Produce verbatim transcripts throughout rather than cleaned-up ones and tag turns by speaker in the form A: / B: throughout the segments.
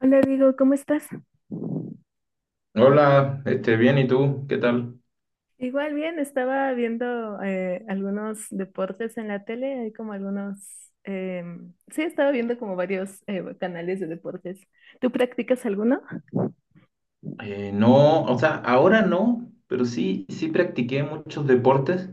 A: Hola, Diego, ¿cómo estás?
B: Hola, este, bien, ¿y tú? ¿Qué tal?
A: Igual bien, estaba viendo eh, algunos deportes en la tele, hay como algunos, eh, sí, estaba viendo como varios eh, canales de deportes. ¿Tú practicas alguno?
B: Eh, no, o sea, ahora no, pero sí, sí practiqué muchos deportes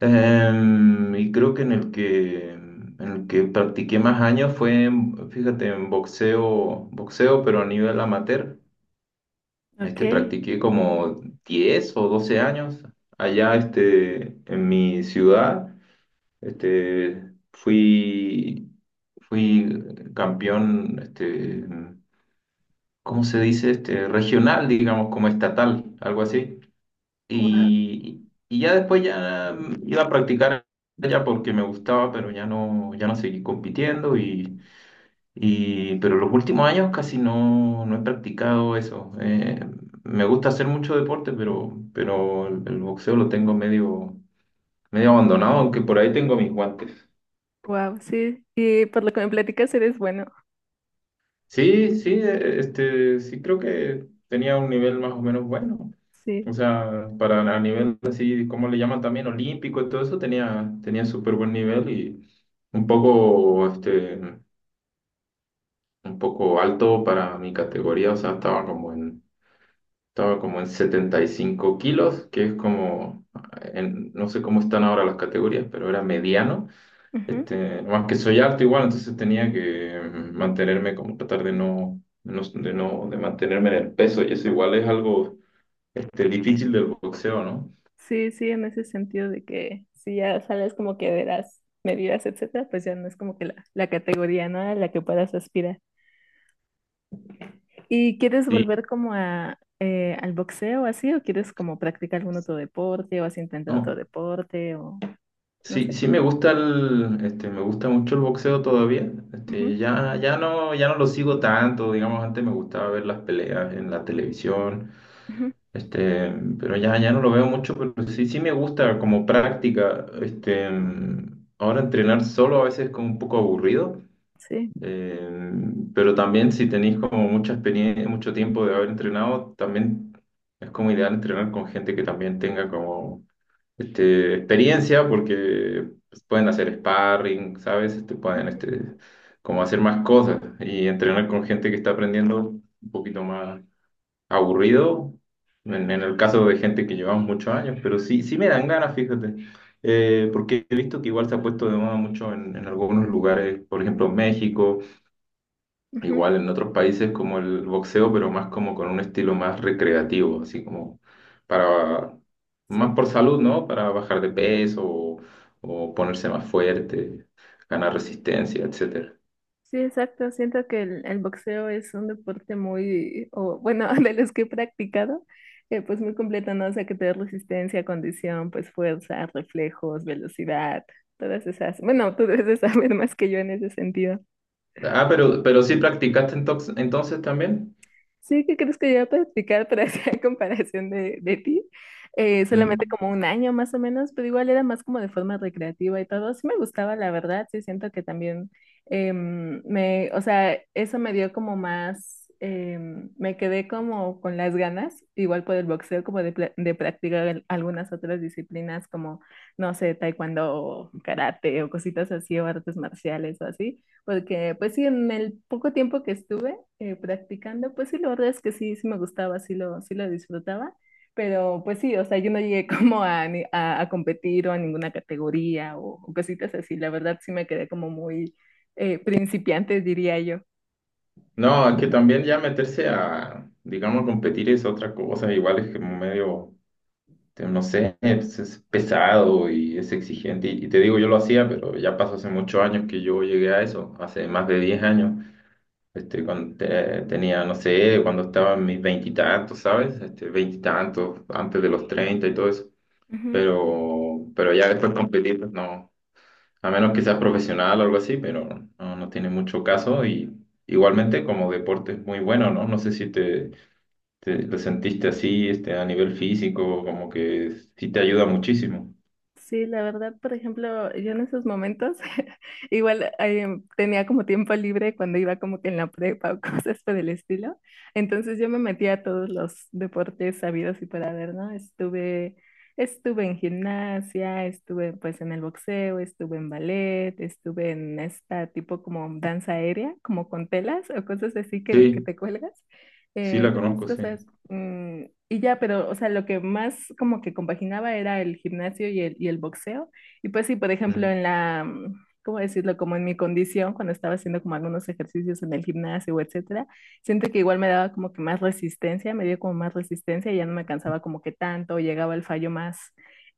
B: em, y creo que en el que, en el que practiqué más años fue, en- fíjate, en boxeo, boxeo, pero a nivel amateur. Este,
A: Ok,
B: practiqué como diez o doce años allá, este, en mi ciudad. Este, fui, fui campeón, este ¿cómo se dice? Este, regional, digamos, como estatal, algo así.
A: wow,
B: Y, y ya después ya iba a practicar allá porque me gustaba, pero ya no, ya no seguí compitiendo y, y pero los últimos años casi no, no he practicado eso. Eh, me gusta hacer mucho deporte, pero, pero el, el boxeo lo tengo medio, medio abandonado, aunque por ahí tengo mis guantes.
A: wow, sí, y por lo que me platicas eres bueno,
B: Sí, sí, eh, este, sí creo que tenía un nivel más o menos bueno.
A: sí.
B: O sea, para a nivel así, ¿cómo le llaman también? Olímpico y todo eso, tenía, tenía súper buen nivel y un poco, este, un poco alto para mi categoría. O sea, estaba como en, estaba como en setenta y cinco kilos, que es como, en- no sé cómo están ahora las categorías, pero era mediano.
A: Ujú.
B: Este, más que soy alto igual, entonces tenía que mantenerme, como tratar de no, no- de no, de mantenerme en el peso y eso igual es algo, este, difícil del boxeo, ¿no?
A: Sí, sí, en ese sentido de que si ya sales como que de las medidas, etcétera, pues ya no es como que la, la categoría, ¿no? A la que puedas aspirar. ¿Y quieres
B: Sí.
A: volver como a, eh, al boxeo así o quieres como practicar algún otro deporte o has intentado otro
B: ¿No?
A: deporte o no
B: Sí,
A: sé?
B: sí, me gusta el, este, me gusta mucho el boxeo todavía.
A: Ujú,
B: Este, ya, ya no, ya no lo sigo tanto, digamos, antes me gustaba ver las peleas en la televisión,
A: ujú,
B: este, pero ya, ya no lo veo mucho, pero sí, sí me gusta como práctica. Este, ahora entrenar solo a veces es como un poco aburrido,
A: sí,
B: eh, pero también si tenéis como mucha experiencia, mucho tiempo de haber entrenado, también es como ideal entrenar con gente que también tenga como este, experiencia porque pues, pueden hacer sparring, ¿sabes? Este, pueden
A: ujú,
B: este, como hacer más cosas y entrenar con gente que está aprendiendo un poquito más aburrido, en, en el caso de gente que llevamos muchos años, pero sí, sí me dan ganas, fíjate, Eh, porque he visto que igual se ha puesto de moda mucho en, en algunos lugares, por ejemplo, México.
A: ujú,
B: Igual en otros países como el boxeo, pero más como con un estilo más recreativo, así como para, más
A: sí.
B: por salud, ¿no? Para bajar de peso o, o ponerse más fuerte, ganar resistencia, etcétera.
A: Sí, exacto. Siento que el, el boxeo es un deporte muy, o bueno, de los que he practicado, eh, pues muy completo, ¿no? O sea, que te da resistencia, condición, pues fuerza, reflejos, velocidad, todas esas. Bueno, tú debes de saber más que yo en ese sentido.
B: Ah, pero, pero sí practicaste entox- entonces también.
A: Sí, ¿qué crees que yo iba a practicar para hacer comparación de, de ti? Eh, solamente
B: Mm.
A: como un año más o menos, pero igual era más como de forma recreativa y todo. Sí me gustaba, la verdad, sí siento que también em, me, o sea, eso me dio como más, em, me quedé como con las ganas, igual por el boxeo, como de, pla- de practicar el- algunas otras disciplinas como, no sé, taekwondo o karate o cositas así o artes marciales o así, porque pues sí, en el poco tiempo que estuve, eh, practicando, pues sí, la verdad es que sí, sí me gustaba, sí lo, sí lo disfrutaba, pero pues sí, o sea, yo no llegué como a, ni- a, a competir o a ninguna categoría o, o cositas así, la verdad sí me quedé como muy eh, principiante, diría yo.
B: No, es que también ya meterse a, digamos, competir es otra cosa, igual es que medio te- no sé, es, es pesado y es exigente. Y, y te digo, yo lo hacía, pero ya pasó hace muchos años que yo llegué a eso, hace más de diez años. Este, cuando te- tenía, no sé, cuando estaba en mis veintitantos, ¿sabes? Este, veintitantos, antes de los treinta y todo eso.
A: Ujú.
B: Pero, pero ya después competir, pues no, a menos que seas profesional o algo así, pero no, no tiene mucho caso. Y igualmente como deporte es muy bueno, ¿no? No sé si te, te- lo sentiste así, este, a nivel físico, como que sí te ayuda muchísimo.
A: Sí, la verdad, por ejemplo, yo en esos momentos igual eh, tenía como tiempo libre cuando iba como que en la prepa o cosas por el estilo. Entonces yo me metía a todos los deportes sabidos y por haber, ¿no? Estuve, estuve en gimnasia, estuve pues en el boxeo, estuve en ballet, estuve en esta tipo como danza aérea, como con telas o cosas así que, que
B: Sí,
A: te cuelgas.
B: sí
A: Eh,
B: la
A: ¿qué más
B: conozco, sí.
A: cosas? Mm, y ya, pero, o sea, lo que más como que compaginaba era el gimnasio y el, y el boxeo. Y pues sí, por ejemplo,
B: Mm.
A: en la, mm, ¿cómo decirlo? Como en mi condición, cuando estaba haciendo como algunos ejercicios en el gimnasio, etcétera, siento que igual me daba como que más resistencia, me dio como más resistencia y ya no me cansaba como que tanto, llegaba el fallo más,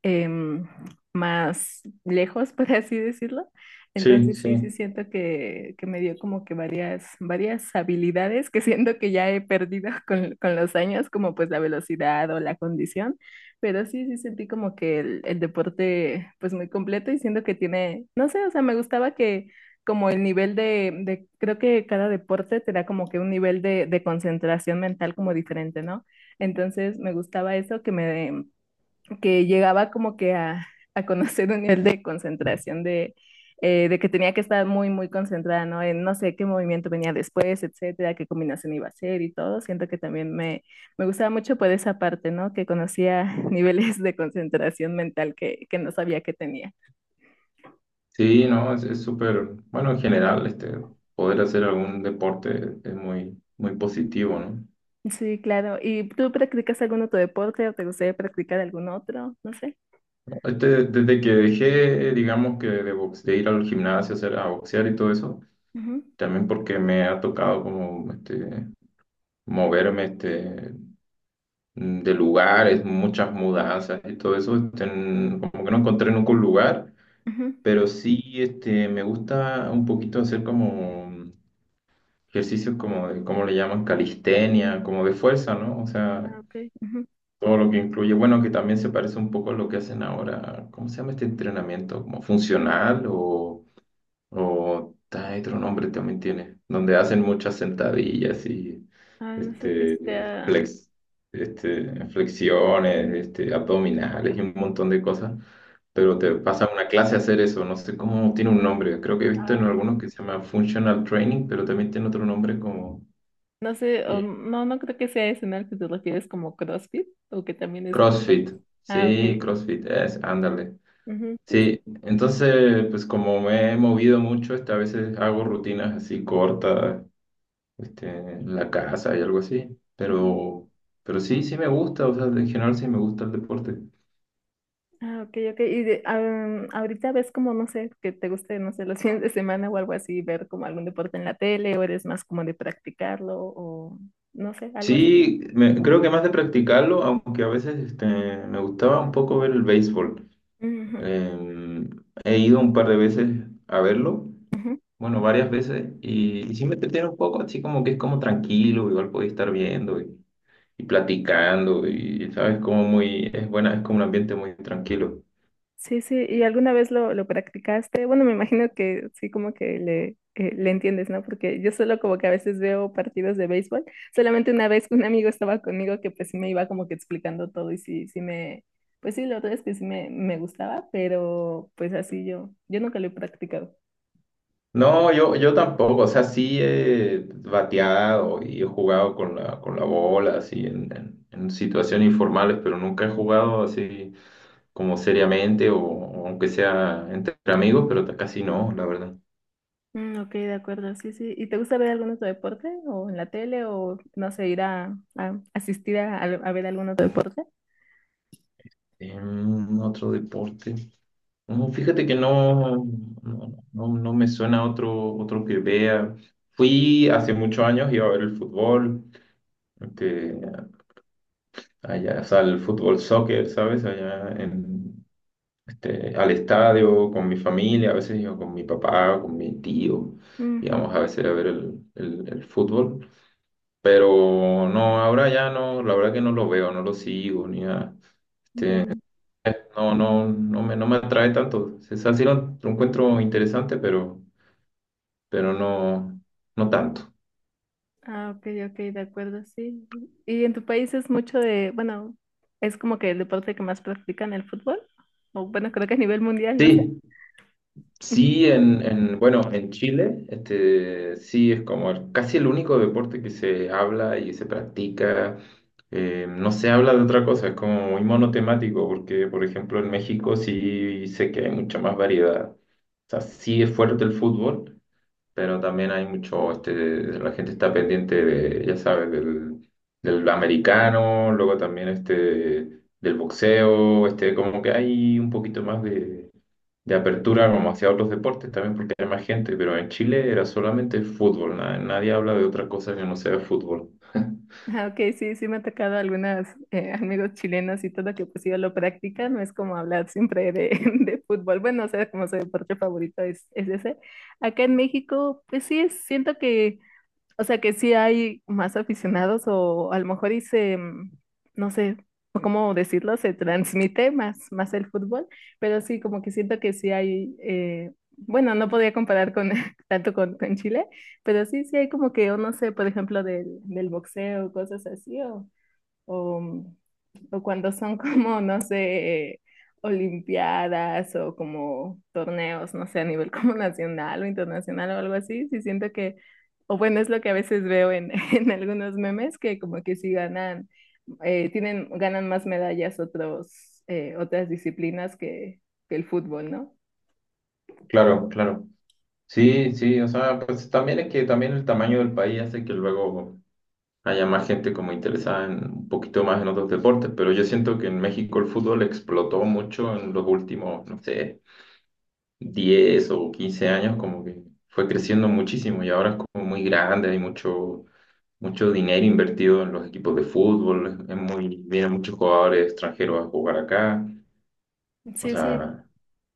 A: em, más lejos, por así decirlo.
B: Sí,
A: Entonces sí, sí
B: sí.
A: siento que, que me dio como que varias, varias habilidades que siento que ya he perdido con, con los años, como pues la velocidad o la condición, pero sí, sí sentí como que el, el deporte pues muy completo y siento que tiene, no sé, o sea, me gustaba que como el nivel de, de creo que cada deporte te da como que un nivel de, de concentración mental como diferente, ¿no? Entonces me gustaba eso que me, que llegaba como que a, a conocer un nivel de concentración de, eh, de que tenía que estar muy, muy concentrada, ¿no? En no sé qué movimiento venía después, etcétera, qué combinación iba a ser y todo. Siento que también me, me gustaba mucho por esa parte, ¿no? Que conocía niveles de concentración mental que, que no sabía que tenía.
B: Sí, no, es es súper, bueno, en general, este, poder hacer algún deporte es muy, muy positivo, ¿no?
A: Sí, claro. ¿Y tú practicas algún otro deporte o te gustaría practicar algún otro? No sé.
B: Este, desde que dejé, digamos que de, box- de ir al gimnasio, hacer, a boxear y todo eso,
A: Ujú,
B: también porque me ha tocado como, este, moverme, este, mm, de lugares, muchas mudanzas y todo eso, este, n- como que no encontré nunca un lugar,
A: ujú,
B: pero sí, este, me gusta un poquito hacer como ejercicios como de, ¿cómo le llaman? Calistenia, como de fuerza, ¿no? O sea,
A: Ah, ok. ujú.
B: todo lo que incluye, bueno, que también se parece un poco a lo que hacen ahora, ¿cómo se llama este entrenamiento? ¿Como funcional o, o ah, otro nombre también tiene? Donde hacen muchas sentadillas y
A: Ah, no sé si
B: este,
A: sea
B: flex, este, flexiones, este, abdominales y un montón de cosas. Pero te pasa una clase a hacer eso, no sé cómo tiene un nombre. Creo que he visto en algunos que se llama Functional Training, pero también tiene otro nombre como
A: No sé, o
B: y
A: no, no creo que sea ese en el que te refieres como CrossFit, o que también es como
B: CrossFit,
A: varios. Ah,
B: sí,
A: ok.
B: CrossFit, es, ándale.
A: Ujú, sí, sí.
B: Sí, entonces, pues como me he movido mucho, este, a veces hago rutinas así cortas, este, en la casa y algo así,
A: Ujú.
B: pero, pero sí, sí me gusta, o sea, en general sí me gusta el deporte.
A: Ah, ok, ok. Y de- am, ahorita ves como, no sé, que te guste, no sé, los fines de semana o algo así, ver como algún deporte en la tele, o eres más como de practicarlo, o no sé, algo así.
B: Sí, me- creo que más de practicarlo, aunque a veces este, me gustaba un poco ver el béisbol.
A: Ujú,
B: Em, He ido un par de veces a verlo.
A: ujú.
B: Bueno, varias veces y, y sí me entretiene un poco, así como que es como tranquilo, igual podía estar viendo y, y platicando y, ¿sabes? Como muy, es buena, es como un ambiente muy tranquilo.
A: Sí, sí, ¿y alguna vez lo, lo practicaste? Bueno, me imagino que sí, como que le, eh, le entiendes, ¿no? Porque yo solo como que a veces veo partidos de béisbol. Solamente una vez un amigo estaba conmigo que pues sí me iba como que explicando todo y sí, sí me, pues sí, la verdad es que sí me, me gustaba, pero pues así yo, yo nunca lo he practicado.
B: No, yo, yo tampoco, o sea, sí he bateado y he jugado con la, con la bola, así, en, en, en situaciones informales, pero nunca he jugado así como seriamente o, o aunque sea entre amigos, pero casi no, la verdad.
A: Mm, ok, de acuerdo, sí, sí. ¿Y te gusta ver algún otro deporte? ¿O en la tele? ¿O no sé, ir a, a asistir a, a ver algún otro deporte?
B: Em, otro deporte. No, fíjate que no, no, no, no me suena otro, otro que vea. Fui hace muchos años, iba a ver el fútbol, que allá, o sea, el fútbol soccer, ¿sabes? Allá en, este, al estadio con mi familia, a veces iba con mi papá, con mi tío,
A: Ujú,
B: íbamos a veces a ver el, el, el fútbol. Pero no, ahora ya no, la verdad que no lo veo, no lo sigo, ni nada.
A: ya.
B: No, no, no me, no me atrae tanto. O sea, sí lo lo encuentro interesante, pero... pero no, no tanto.
A: Ah, ok, ok, de acuerdo, sí. ¿Y en tu país es mucho de, bueno, es como que el deporte que más practican el fútbol? O bueno, creo que a nivel mundial, no sé.
B: Sí,
A: Ujú.
B: sí, en, en, bueno, en Chile, este, sí es como el- casi el único deporte que se habla y se practica. Eh, no se habla de otra cosa, es como muy monotemático, porque por ejemplo en México sí sé que hay mucha más variedad. O sea, sí es fuerte el fútbol, pero también hay mucho, este, la gente está pendiente de, ya sabes, del, del americano, luego también este, del boxeo, este, como que hay un poquito más de, de apertura como hacia otros deportes también porque hay más gente, pero en Chile era solamente el fútbol, na- nadie habla de otra cosa que no sea el fútbol.
A: Ah, ok, sí, sí me ha tocado algunos amigos chilenos y todo que pues yo lo practican, no es como hablar siempre de, de fútbol, bueno, o sea, como su deporte favorito es, es ese. Acá en México, pues sí, es- siento que O sea que sí hay más aficionados o a lo mejor y se, mm, no sé cómo decirlo, se transmite más, más el fútbol, pero sí, como que siento que sí hay, eh, bueno, no podría comparar con tanto con, con Chile, pero sí, sí hay como que, o no sé, por ejemplo, del, del boxeo, cosas así, o, o, mm, o cuando son como, no sé, olimpiadas o como torneos, no sé, a nivel como nacional o internacional o algo así, sí siento que, o bueno, es lo que a veces veo en, en algunos memes, que como que sí ganan, eh, tienen, ganan más medallas otros, eh, otras disciplinas que, que el fútbol, ¿no?
B: Claro, claro. Sí, sí, o sea, pues también es que también el tamaño del país hace que luego haya más gente como interesada en un poquito más en otros deportes, pero yo siento que en México el fútbol explotó mucho en los últimos, no sé, diez o quince años, como que fue creciendo muchísimo y ahora es como muy grande, hay mucho, mucho dinero invertido en los equipos de fútbol, es muy, vienen muchos jugadores extranjeros a jugar acá, o
A: Sí, sí,
B: sea,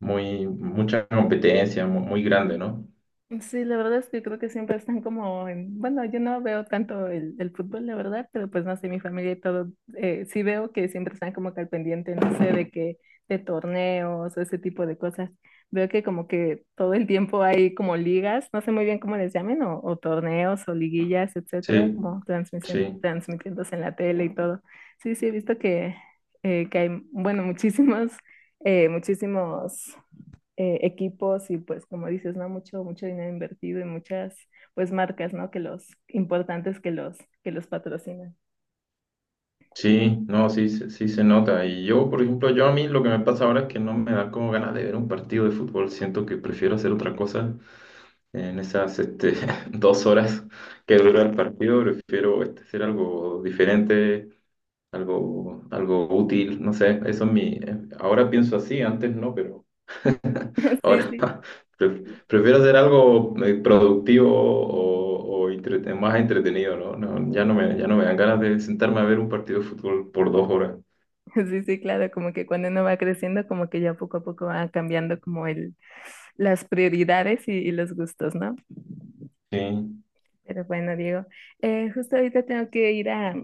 B: muy, mucha competencia, mu- muy, grande, ¿no?
A: Sí, la verdad es que creo que siempre están como en, bueno, yo no veo tanto el, el fútbol, la verdad, pero pues no sé, mi familia y todo, eh, sí veo que siempre están como que al pendiente, no sé, de que, de torneos o ese tipo de cosas. Veo que como que todo el tiempo hay como ligas, no sé muy bien cómo les llamen, o, o torneos o liguillas, etcétera,
B: Sí,
A: como transmisión,
B: sí.
A: transmitiéndose en la tele y todo. Sí, sí, he visto que, eh, que hay, bueno, muchísimos, eh, muchísimos eh, equipos y pues como dices, ¿no? Mucho, mucho dinero invertido y muchas pues marcas, ¿no? Que los importantes que los, que los patrocinan.
B: Sí, no, sí, se- sí se nota. Y yo, por ejemplo, yo a mí lo que me pasa ahora es que no me da como ganas de ver un partido de fútbol. Siento que prefiero hacer otra cosa en esas este, dos horas que dura el partido. Prefiero este, hacer algo diferente, algo, algo útil. No sé, eso es mi... eh, ahora pienso así, antes no, pero
A: Sí,
B: ahora
A: sí,
B: pre- prefiero hacer algo eh, productivo o, o entrete- más entretenido, ¿no? No, ya no me, ya no me dan ganas de sentarme a ver un partido de fútbol por dos horas.
A: sí, sí, claro, como que cuando uno va creciendo, como que ya poco a poco va cambiando como el, las prioridades y, y los gustos, ¿no?
B: Sí,
A: Pero bueno, Diego, eh, justo ahorita tengo que ir a,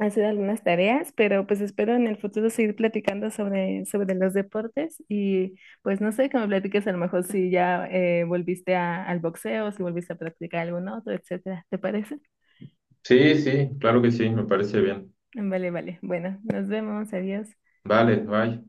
A: hacer algunas tareas, pero pues espero en el futuro seguir platicando sobre, sobre los deportes y pues no sé, que me platiques a lo mejor si ya eh, volviste a- al boxeo, si volviste a practicar algún otro, etcétera. ¿Te parece?
B: sí, sí, claro que sí, me parece bien.
A: Vale, vale. Bueno, nos vemos. Adiós.
B: Vale, bye.